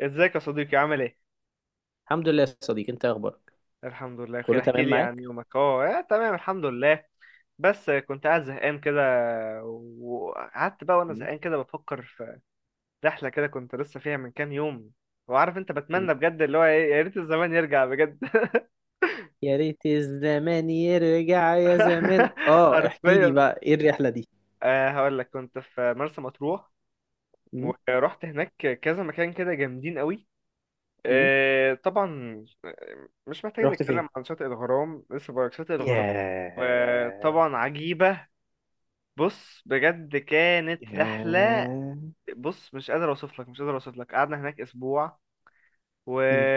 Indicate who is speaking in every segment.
Speaker 1: ازيك يا صديقي؟ عامل ايه؟
Speaker 2: الحمد لله يا صديقي، انت اخبارك؟
Speaker 1: الحمد لله بخير.
Speaker 2: كله
Speaker 1: احكي
Speaker 2: تمام
Speaker 1: لي عن
Speaker 2: معاك.
Speaker 1: يومك. تمام الحمد لله. بس كنت قاعد زهقان كده، وقعدت بقى وانا
Speaker 2: مم.
Speaker 1: زهقان كده بفكر في رحلة كده كنت لسه فيها من كام يوم. وعارف انت،
Speaker 2: مم.
Speaker 1: بتمنى بجد اللي هو ايه، يا ريت الزمان يرجع بجد.
Speaker 2: يا ريت الزمان يرجع يا زمان، اه احكي لي
Speaker 1: حرفيا
Speaker 2: بقى ايه الرحلة دي؟
Speaker 1: هقول لك، كنت في مرسى مطروح
Speaker 2: مم.
Speaker 1: ورحت هناك كذا مكان كده جامدين قوي.
Speaker 2: مم.
Speaker 1: طبعا، مش محتاج
Speaker 2: رحت فين؟
Speaker 1: نتكلم عن شاطئ الغرام. لسه بقولك شاطئ الغرام،
Speaker 2: ياه!
Speaker 1: وطبعا عجيبة. بص، بجد كانت رحلة،
Speaker 2: ياه!
Speaker 1: بص مش قادر اوصف لك، مش قادر اوصف لك. قعدنا هناك اسبوع و
Speaker 2: مم.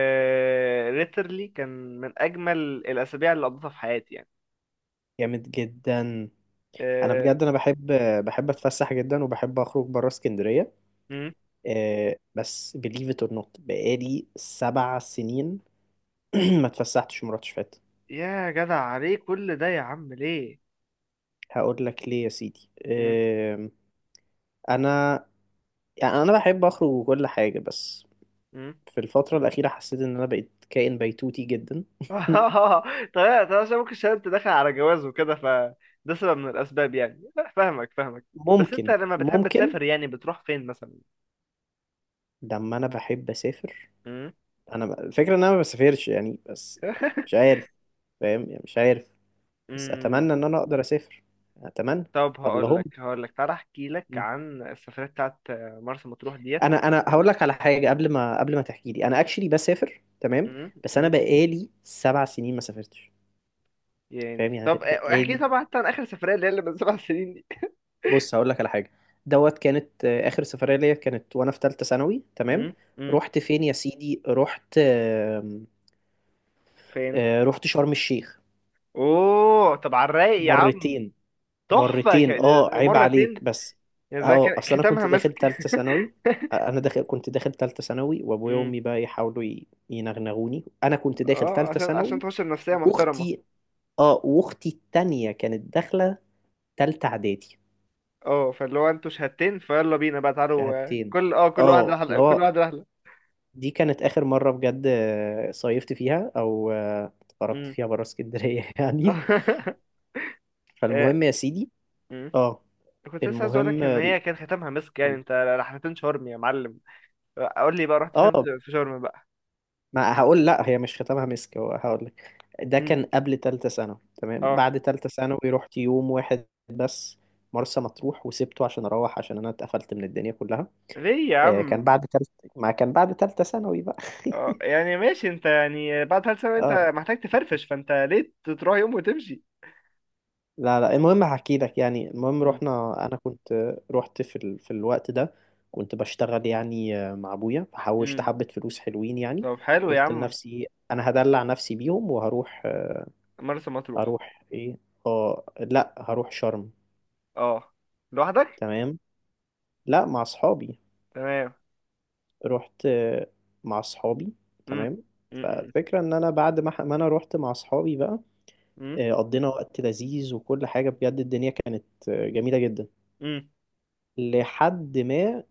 Speaker 1: literally كان من اجمل الاسابيع اللي قضيتها في حياتي يعني.
Speaker 2: جامد جدا.
Speaker 1: أه...
Speaker 2: انا بحب اتفسح جدا، وبحب اخرج بره اسكندرية.
Speaker 1: مم.
Speaker 2: بس believe it or not بقالي سبع سنين ما اتفسحتش مرة شفات.
Speaker 1: يا جدع، عليه كل ده يا عم؟ ليه؟
Speaker 2: هقول لك ليه يا سيدي.
Speaker 1: مم.
Speaker 2: آم، انا يعني انا بحب اخرج وكل حاجه بس.
Speaker 1: مم.
Speaker 2: في الفتره الاخيره حسيت ان انا بقيت كائن بيتوتي جدا.
Speaker 1: طيب طيب، عشان ممكن، عشان انت داخل على جواز وكده، فده سبب من الاسباب يعني. لا، فاهمك فاهمك. بس انت
Speaker 2: ممكن،
Speaker 1: لما بتحب
Speaker 2: ممكن.
Speaker 1: تسافر يعني بتروح فين مثلا؟
Speaker 2: لما انا بحب اسافر،
Speaker 1: مم.
Speaker 2: الفكره ان انا ما بسافرش يعني بس. مش عارف. فاهم يعني، مش عارف. بس
Speaker 1: مم.
Speaker 2: اتمنى ان انا اقدر اسافر، اتمنى.
Speaker 1: طب هقول
Speaker 2: اللهم.
Speaker 1: لك، تعالى احكي لك عن السفرية بتاعت مرسى مطروح ديت.
Speaker 2: انا هقول لك على حاجه قبل ما تحكي لي، انا اكشلي بسافر تمام.
Speaker 1: مم،
Speaker 2: بس انا
Speaker 1: مم.
Speaker 2: بقالي سبع سنين ما سافرتش. فاهم
Speaker 1: يعني
Speaker 2: يعني
Speaker 1: طب، احكي
Speaker 2: بقالي.
Speaker 1: طبعا حتى عن اخر سفرية اللي من سبع سنين دي.
Speaker 2: بص هقول لك على حاجه. دوت كانت اخر سفريه ليا، كانت وانا في ثالثه ثانوي، تمام.
Speaker 1: مم، مم.
Speaker 2: رحت فين يا سيدي؟ رحت
Speaker 1: فين؟
Speaker 2: رحت شرم الشيخ.
Speaker 1: اوه، طب على الرايق يا عم.
Speaker 2: مرتين.
Speaker 1: تحفة،
Speaker 2: مرتين، اه
Speaker 1: ده
Speaker 2: عيب
Speaker 1: مرتين؟
Speaker 2: عليك بس.
Speaker 1: يعني ده
Speaker 2: اه
Speaker 1: كان
Speaker 2: اصل انا كنت
Speaker 1: ختامها مسك.
Speaker 2: داخل ثالثه ثانوي. انا داخل كنت داخل ثالثه ثانوي، وابويا
Speaker 1: مم.
Speaker 2: وامي بقى يحاولوا ينغنغوني، انا كنت داخل
Speaker 1: اه،
Speaker 2: ثالثه
Speaker 1: عشان
Speaker 2: ثانوي.
Speaker 1: تخش بنفسية محترمة.
Speaker 2: واختي، اه واختي التانية كانت داخله ثالثه اعدادي.
Speaker 1: اه، فاللي هو انتوا شهادتين، فيلا بينا بقى، تعالوا.
Speaker 2: شهادتين.
Speaker 1: كل واحد
Speaker 2: اه
Speaker 1: رحلة،
Speaker 2: اللي
Speaker 1: كل
Speaker 2: هو،
Speaker 1: واحد رحلة.
Speaker 2: دي كانت آخر مرة بجد صيفت فيها أو خرجت
Speaker 1: مم.
Speaker 2: فيها برا اسكندرية يعني. فالمهم يا سيدي،
Speaker 1: آه،
Speaker 2: اه
Speaker 1: كنت لسه عايز اقولك
Speaker 2: المهم
Speaker 1: ان
Speaker 2: ال-
Speaker 1: هي كان ختامها مسك يعني. انت رحلتين شرم يا معلم. قول لي بقى، رحت
Speaker 2: اه
Speaker 1: فين في شرم بقى؟
Speaker 2: ما هقول، لا هي مش ختامها مسك، هو هقول لك ده
Speaker 1: امم.
Speaker 2: كان قبل تالتة ثانوي، تمام.
Speaker 1: اه.
Speaker 2: بعد تالتة ثانوي رحت يوم واحد بس مرسى مطروح، وسبته عشان أروح، عشان أنا اتقفلت من الدنيا كلها.
Speaker 1: ليه يا
Speaker 2: كان
Speaker 1: عم؟
Speaker 2: بعد تالتة، ما كان بعد تالتة ثانوي بقى.
Speaker 1: اه يعني ماشي، انت يعني بعد ثلاث سنة انت
Speaker 2: اه
Speaker 1: محتاج تفرفش. فانت ليه تروح يوم وتمشي؟
Speaker 2: لا لا، المهم هحكي لك يعني، المهم
Speaker 1: امم.
Speaker 2: رحنا. انا كنت في الوقت ده كنت بشتغل يعني مع ابويا، فحوشت
Speaker 1: امم.
Speaker 2: حبة فلوس حلوين يعني.
Speaker 1: طب حلو يا
Speaker 2: قلت
Speaker 1: عم.
Speaker 2: لنفسي انا هدلع نفسي بيهم وهروح.
Speaker 1: مرسى مطروح.
Speaker 2: هروح ايه؟ اه لا، هروح شرم.
Speaker 1: اه، لوحدك؟
Speaker 2: تمام. لا، مع اصحابي.
Speaker 1: تمام.
Speaker 2: رحت مع اصحابي.
Speaker 1: امم.
Speaker 2: تمام.
Speaker 1: امم.
Speaker 2: فالفكرة ان انا بعد ما انا رحت مع اصحابي بقى،
Speaker 1: امم.
Speaker 2: قضينا وقت لذيذ وكل حاجة، بجد الدنيا كانت جميلة جدا.
Speaker 1: امم.
Speaker 2: لحد ما،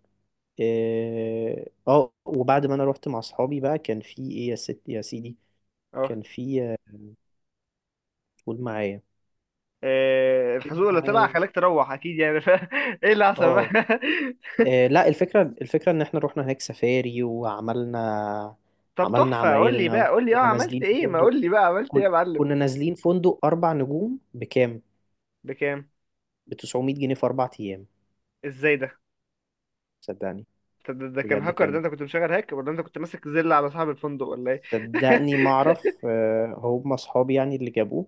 Speaker 2: اه وبعد ما انا رحت مع اصحابي بقى، كان في ايه يا ست يا سيدي،
Speaker 1: اه،
Speaker 2: كان في قول معايا.
Speaker 1: إيه، الحزوق اللي طلع
Speaker 2: معايا.
Speaker 1: خلاك تروح اكيد يعني ايه اللي حصل بقى؟
Speaker 2: اه لا، الفكره ان احنا رحنا هناك سفاري،
Speaker 1: طب
Speaker 2: عملنا
Speaker 1: تحفة، قول لي
Speaker 2: عمايلنا،
Speaker 1: بقى، قول لي، اه،
Speaker 2: وكنا
Speaker 1: عملت
Speaker 2: نازلين في
Speaker 1: ايه؟ ما
Speaker 2: فندق،
Speaker 1: قول لي بقى عملت ايه يا معلم؟
Speaker 2: كنا نازلين فندق اربع نجوم بكام.
Speaker 1: بكام؟
Speaker 2: ب 900 جنيه في اربع ايام.
Speaker 1: ازاي ده؟
Speaker 2: صدقني.
Speaker 1: طب ده، كان
Speaker 2: بجد
Speaker 1: هاكر ده،
Speaker 2: كان،
Speaker 1: انت كنت مشغل هاك، ولا انت كنت ماسك زل على صاحب الفندق، ولا ايه؟
Speaker 2: صدقني ما اعرف، هم اصحابي يعني اللي جابوه.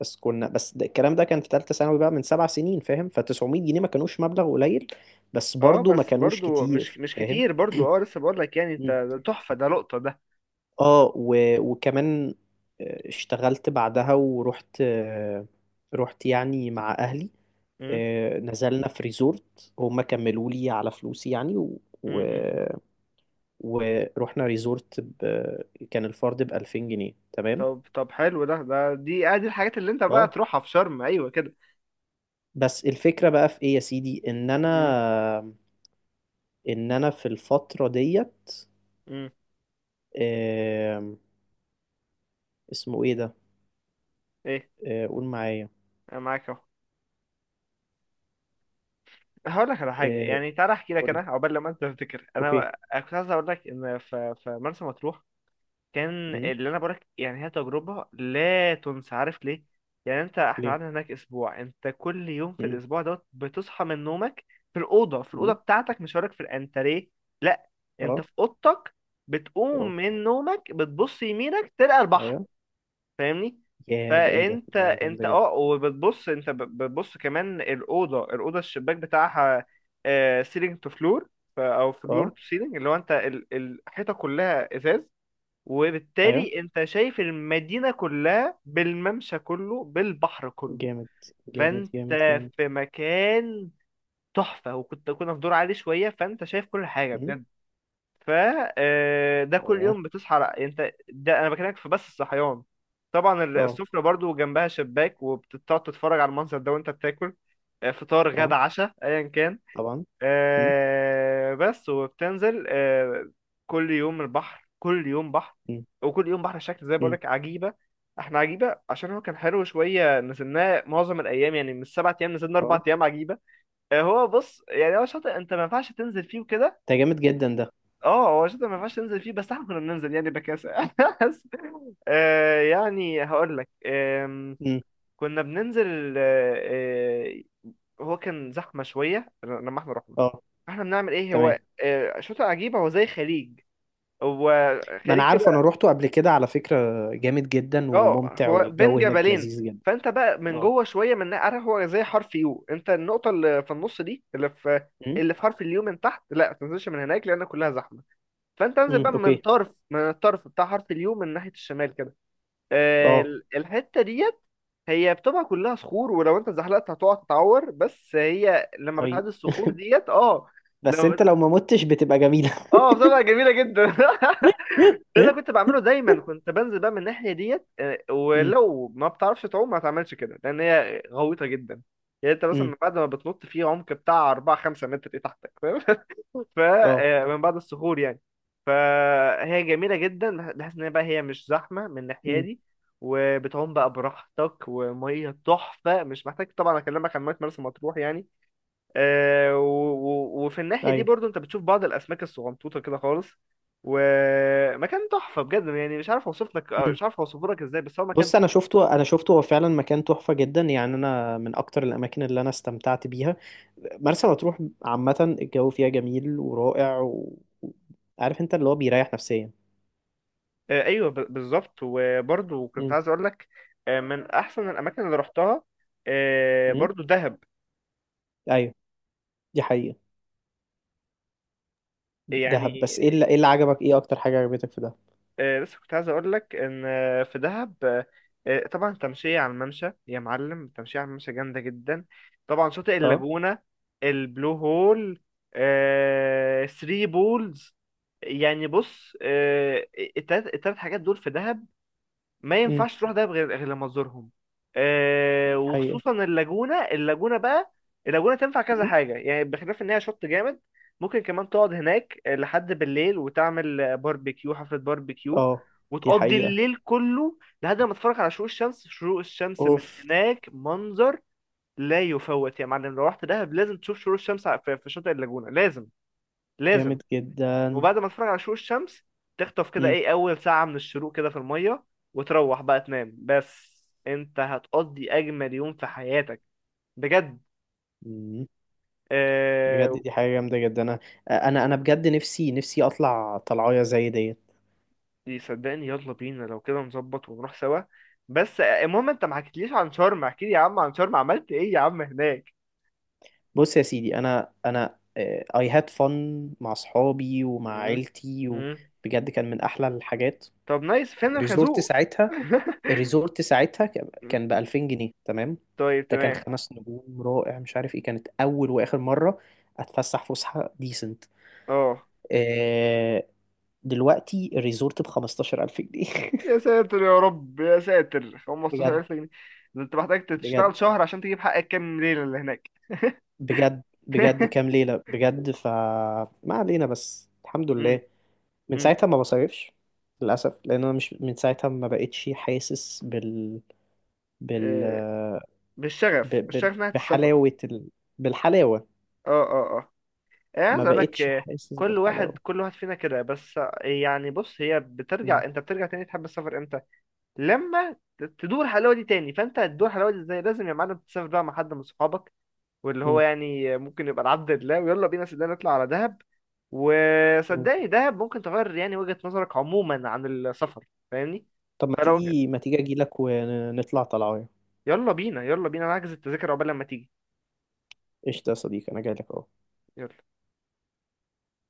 Speaker 2: بس كنا، بس ده الكلام ده كان في ثالثه ثانوي بقى من سبع سنين فاهم. ف 900 جنيه ما كانوش مبلغ قليل، بس
Speaker 1: اه،
Speaker 2: برضو ما
Speaker 1: بس
Speaker 2: كانوش
Speaker 1: برضو مش
Speaker 2: كتير
Speaker 1: مش
Speaker 2: فاهم.
Speaker 1: كتير برضو. اه لسه بقول لك، يعني انت
Speaker 2: مم.
Speaker 1: ده تحفة، ده لقطة ده.
Speaker 2: اه وكمان اشتغلت بعدها ورحت، رحت يعني مع اهلي.
Speaker 1: مم.
Speaker 2: نزلنا في ريزورت، هم كملوا لي على فلوسي يعني. و...
Speaker 1: مم. مم.
Speaker 2: ورحنا ريزورت كان الفرد ب 2000 جنيه، تمام.
Speaker 1: طب طب، حلو ده ده دي ادي الحاجات اللي انت بقى
Speaker 2: اه
Speaker 1: تروحها في شرم، ايوه كده.
Speaker 2: بس الفكرة بقى في ايه يا سيدي، ان انا،
Speaker 1: مم.
Speaker 2: ان انا في الفترة ديت
Speaker 1: مم.
Speaker 2: آم، اسمه ايه ده؟
Speaker 1: ايه؟
Speaker 2: قول معايا.
Speaker 1: انا معاك اهو. هقول لك على حاجة
Speaker 2: آه،
Speaker 1: يعني، تعالى احكي لك
Speaker 2: قول
Speaker 1: انا
Speaker 2: لي.
Speaker 1: عقبال لما انت تفتكر.
Speaker 2: اوكي.
Speaker 1: انا كنت عايز اقول لك ان، في مرسى مطروح، كان
Speaker 2: امم.
Speaker 1: اللي انا بقولك يعني، هي تجربه لا تنسى. عارف ليه؟ يعني انت، احنا
Speaker 2: ليه؟
Speaker 1: قعدنا هناك اسبوع، انت كل يوم في
Speaker 2: امم.
Speaker 1: الاسبوع دوت بتصحى من نومك في الاوضه،
Speaker 2: امم.
Speaker 1: بتاعتك، مش هقولك في الانتريه، لا، انت
Speaker 2: اه.
Speaker 1: في اوضتك.
Speaker 2: اه.
Speaker 1: بتقوم من نومك، بتبص يمينك، تلقى البحر.
Speaker 2: ايوه.
Speaker 1: فاهمني؟
Speaker 2: يا ده، ايه ده
Speaker 1: فانت
Speaker 2: ده
Speaker 1: انت
Speaker 2: جامدة جدا.
Speaker 1: اه، وبتبص انت بتبص كمان الاوضه، الشباك بتاعها سيلينج تو فلور، او فلور
Speaker 2: اه.
Speaker 1: تو سيلينج، اللي هو انت الحيطه كلها ازاز،
Speaker 2: ايوه.
Speaker 1: وبالتالي انت شايف المدينة كلها، بالممشى كله، بالبحر كله.
Speaker 2: جامد جامد
Speaker 1: فانت
Speaker 2: جامد جامد.
Speaker 1: في مكان تحفة، كنا في دور عالي شوية، فانت شايف كل حاجة
Speaker 2: امم.
Speaker 1: بجد. ف ده كل
Speaker 2: اه.
Speaker 1: يوم بتصحى انت ده انا بكلمك في بس الصحيان. طبعا
Speaker 2: اه.
Speaker 1: السفرة برضو جنبها شباك، وبتقعد تتفرج على المنظر ده وانت بتاكل فطار، غدا،
Speaker 2: آه،
Speaker 1: عشاء، ايا كان.
Speaker 2: طبعا. امم.
Speaker 1: بس، وبتنزل. كل يوم البحر، كل يوم بحر.
Speaker 2: امم.
Speaker 1: وكل يوم بحر شكل، زي
Speaker 2: امم.
Speaker 1: بقولك عجيبة. احنا عجيبة، عشان هو كان حلو شوية، نزلناه معظم الأيام يعني، من السبع أيام نزلنا أربع
Speaker 2: اه.
Speaker 1: أيام عجيبة. هو بص يعني، هو شاطئ أنت ما ينفعش تنزل فيه وكده.
Speaker 2: ده جامد جدا ده.
Speaker 1: اه، هو شاطئ ما ينفعش تنزل فيه، بس احنا كنا بننزل يعني بكاسة بس. يعني هقولك،
Speaker 2: امم.
Speaker 1: كنا بننزل. آه، هو كان زحمه شويه لما احنا رحنا.
Speaker 2: اه.
Speaker 1: احنا بنعمل ايه، هو
Speaker 2: تمام.
Speaker 1: شاطئ عجيبه، هو زي خليج، هو
Speaker 2: ما انا
Speaker 1: خليج
Speaker 2: عارفه، انا
Speaker 1: كده.
Speaker 2: روحته قبل كده على فكره، جامد جدا
Speaker 1: اه
Speaker 2: وممتع،
Speaker 1: هو بين
Speaker 2: والجو هناك
Speaker 1: جبلين،
Speaker 2: لذيذ جدا.
Speaker 1: فانت بقى من
Speaker 2: اه.
Speaker 1: جوه شويه، من عارف، هو زي حرف يو. انت النقطه اللي في النص دي، اللي
Speaker 2: امم.
Speaker 1: في حرف اليو من تحت، لا ما تنزلش من هناك لان كلها زحمه. فانت انزل
Speaker 2: امم.
Speaker 1: بقى من
Speaker 2: اوكي.
Speaker 1: طرف، الطرف بتاع حرف اليو من ناحيه الشمال كده.
Speaker 2: اه.
Speaker 1: الحتة ديت هي بتبقى كلها صخور، ولو انت زحلقت هتقع تتعور، بس هي لما
Speaker 2: اي،
Speaker 1: بتعدي الصخور ديت، اه
Speaker 2: بس انت
Speaker 1: لما،
Speaker 2: لو ما متش بتبقى جميله.
Speaker 1: اه، بتبقى جميله جدا. ده اللي كنت بعمله دايما، كنت بنزل بقى من الناحيه ديت.
Speaker 2: امم.
Speaker 1: ولو ما بتعرفش تعوم، ما تعملش كده، لان هي غويطه جدا. يعني انت
Speaker 2: امم.
Speaker 1: مثلا بعد ما بتنط في عمق بتاع 4 5 متر، ايه تحتك، فاهم؟
Speaker 2: اه.
Speaker 1: فمن بعد الصخور يعني، فهي جميله جدا، بحيث ان هي بقى، هي مش زحمه من الناحيه
Speaker 2: امم.
Speaker 1: دي، وبتعوم بقى براحتك، وميه تحفه، مش محتاج طبعا اكلمك عن ميه مرسى مطروح يعني. وفي الناحية دي
Speaker 2: ايوه.
Speaker 1: برضو انت بتشوف بعض الأسماك الصغنطوطة كده خالص، ومكان تحفة بجد يعني. مش عارف اوصف لك،
Speaker 2: امم.
Speaker 1: مش عارف اوصف لك ازاي، بس هو مكان.
Speaker 2: بص، انا شفته، هو فعلا مكان تحفه جدا يعني، انا من اكتر الاماكن اللي انا استمتعت بيها مرسى مطروح عامه. الجو فيها جميل ورائع و- عارف انت اللي هو بيريح نفسيا.
Speaker 1: ايوه بالظبط. وبرضو كنت
Speaker 2: امم.
Speaker 1: عايز اقول لك، من احسن الاماكن اللي رحتها،
Speaker 2: امم.
Speaker 1: برضو دهب.
Speaker 2: ايوه. دي حقيقه.
Speaker 1: يعني،
Speaker 2: دهب، بس ايه اللي عجبك، ايه اكتر حاجة عجبتك في دهب؟
Speaker 1: بس كنت عايز اقول لك ان، في دهب، طبعا التمشية على الممشى يا معلم، التمشية على الممشى جامدة جدا. طبعا شاطئ
Speaker 2: اه.
Speaker 1: اللاجونة، البلو هول، ثري بولز. يعني بص، التلات حاجات دول في دهب، ما
Speaker 2: امم.
Speaker 1: ينفعش تروح دهب غير لما تزورهم. آه،
Speaker 2: دي حقيقة.
Speaker 1: وخصوصا اللاجونة بقى اللاجونة تنفع كذا
Speaker 2: امم.
Speaker 1: حاجة يعني، بخلاف ان هي شط جامد. ممكن كمان تقعد هناك لحد بالليل، وتعمل باربيكيو، حفلة باربيكيو،
Speaker 2: اه. دي
Speaker 1: وتقضي
Speaker 2: حقيقة.
Speaker 1: الليل كله لحد ما تتفرج على شروق الشمس. شروق الشمس من
Speaker 2: اوف.
Speaker 1: هناك منظر لا يفوت يا معلم، لو رحت دهب لازم تشوف شروق الشمس في في شاطئ اللاجونة، لازم لازم.
Speaker 2: جامد جدا.
Speaker 1: وبعد ما تتفرج على شروق الشمس، تخطف كده
Speaker 2: امم.
Speaker 1: ايه اول ساعة من الشروق كده في المية، وتروح بقى تنام، بس انت هتقضي اجمل يوم في حياتك بجد.
Speaker 2: امم. بجد
Speaker 1: آه...
Speaker 2: دي حاجة جامدة جدا. انا بجد نفسي اطلع طلعايه زي ديت.
Speaker 1: صدقني، يلا بينا لو كده، نظبط ونروح سوا. بس، المهم، انت ما حكيتليش عن شرم، احكي لي يا عم عن شرم، عملت ايه يا عم هناك؟
Speaker 2: بص يا سيدي، انا اي هاد فن مع اصحابي ومع
Speaker 1: مم.
Speaker 2: عيلتي،
Speaker 1: مم.
Speaker 2: وبجد كان من احلى الحاجات.
Speaker 1: طب نايس، فين
Speaker 2: ريزورت
Speaker 1: الخازوق؟
Speaker 2: ساعتها، الريزورت ساعتها كان ب 2000 جنيه، تمام.
Speaker 1: طيب
Speaker 2: ده كان
Speaker 1: تمام.
Speaker 2: خمس نجوم رائع، مش عارف ايه، كانت اول واخر مره اتفسح فسحه ديسنت.
Speaker 1: اه
Speaker 2: آه. دلوقتي الريزورت ب 15000 جنيه.
Speaker 1: يا ساتر يا رب، يا ساتر،
Speaker 2: بجد،
Speaker 1: 15000 جنيه؟ ده انت محتاج
Speaker 2: بجد،
Speaker 1: تشتغل شهر عشان تجيب حقك كام ليلة اللي هناك.
Speaker 2: بجد، بجد، كام ليله بجد، فما علينا، بس الحمد
Speaker 1: امم.
Speaker 2: لله. من
Speaker 1: امم.
Speaker 2: ساعتها ما بصيفش، للاسف، لان انا مش من ساعتها ما بقتش حاسس بال بال
Speaker 1: آه،
Speaker 2: ب...
Speaker 1: بالشغف
Speaker 2: ب...
Speaker 1: الشغف ناحية السفر.
Speaker 2: بحلاوه ال... بالحلاوه
Speaker 1: اه اه اه، انا
Speaker 2: ما
Speaker 1: عايز اقول لك،
Speaker 2: بقتش حاسس
Speaker 1: كل واحد،
Speaker 2: بالحلاوه.
Speaker 1: فينا كده، بس، يعني بص، هي
Speaker 2: مم.
Speaker 1: بترجع، انت بترجع تاني تحب السفر امتى؟ لما تدور الحلاوه دي تاني. فانت هتدور الحلاوه دي ازاي؟ لازم يا معلم تسافر بقى مع حد من صحابك، واللي هو
Speaker 2: مم.
Speaker 1: يعني ممكن يبقى العبد لله، ويلا بينا صدقني نطلع على دهب.
Speaker 2: مم.
Speaker 1: وصدقني دهب ممكن تغير يعني وجهة نظرك عموما عن السفر. فاهمني؟
Speaker 2: طب، ما
Speaker 1: فلو،
Speaker 2: تيجي ما تيجي اجي لك ونطلع طلعه.
Speaker 1: يلا بينا، نحجز التذاكر عقبال لما تيجي.
Speaker 2: قشطة يا صديقي، انا جاي لك اهو.
Speaker 1: يلا.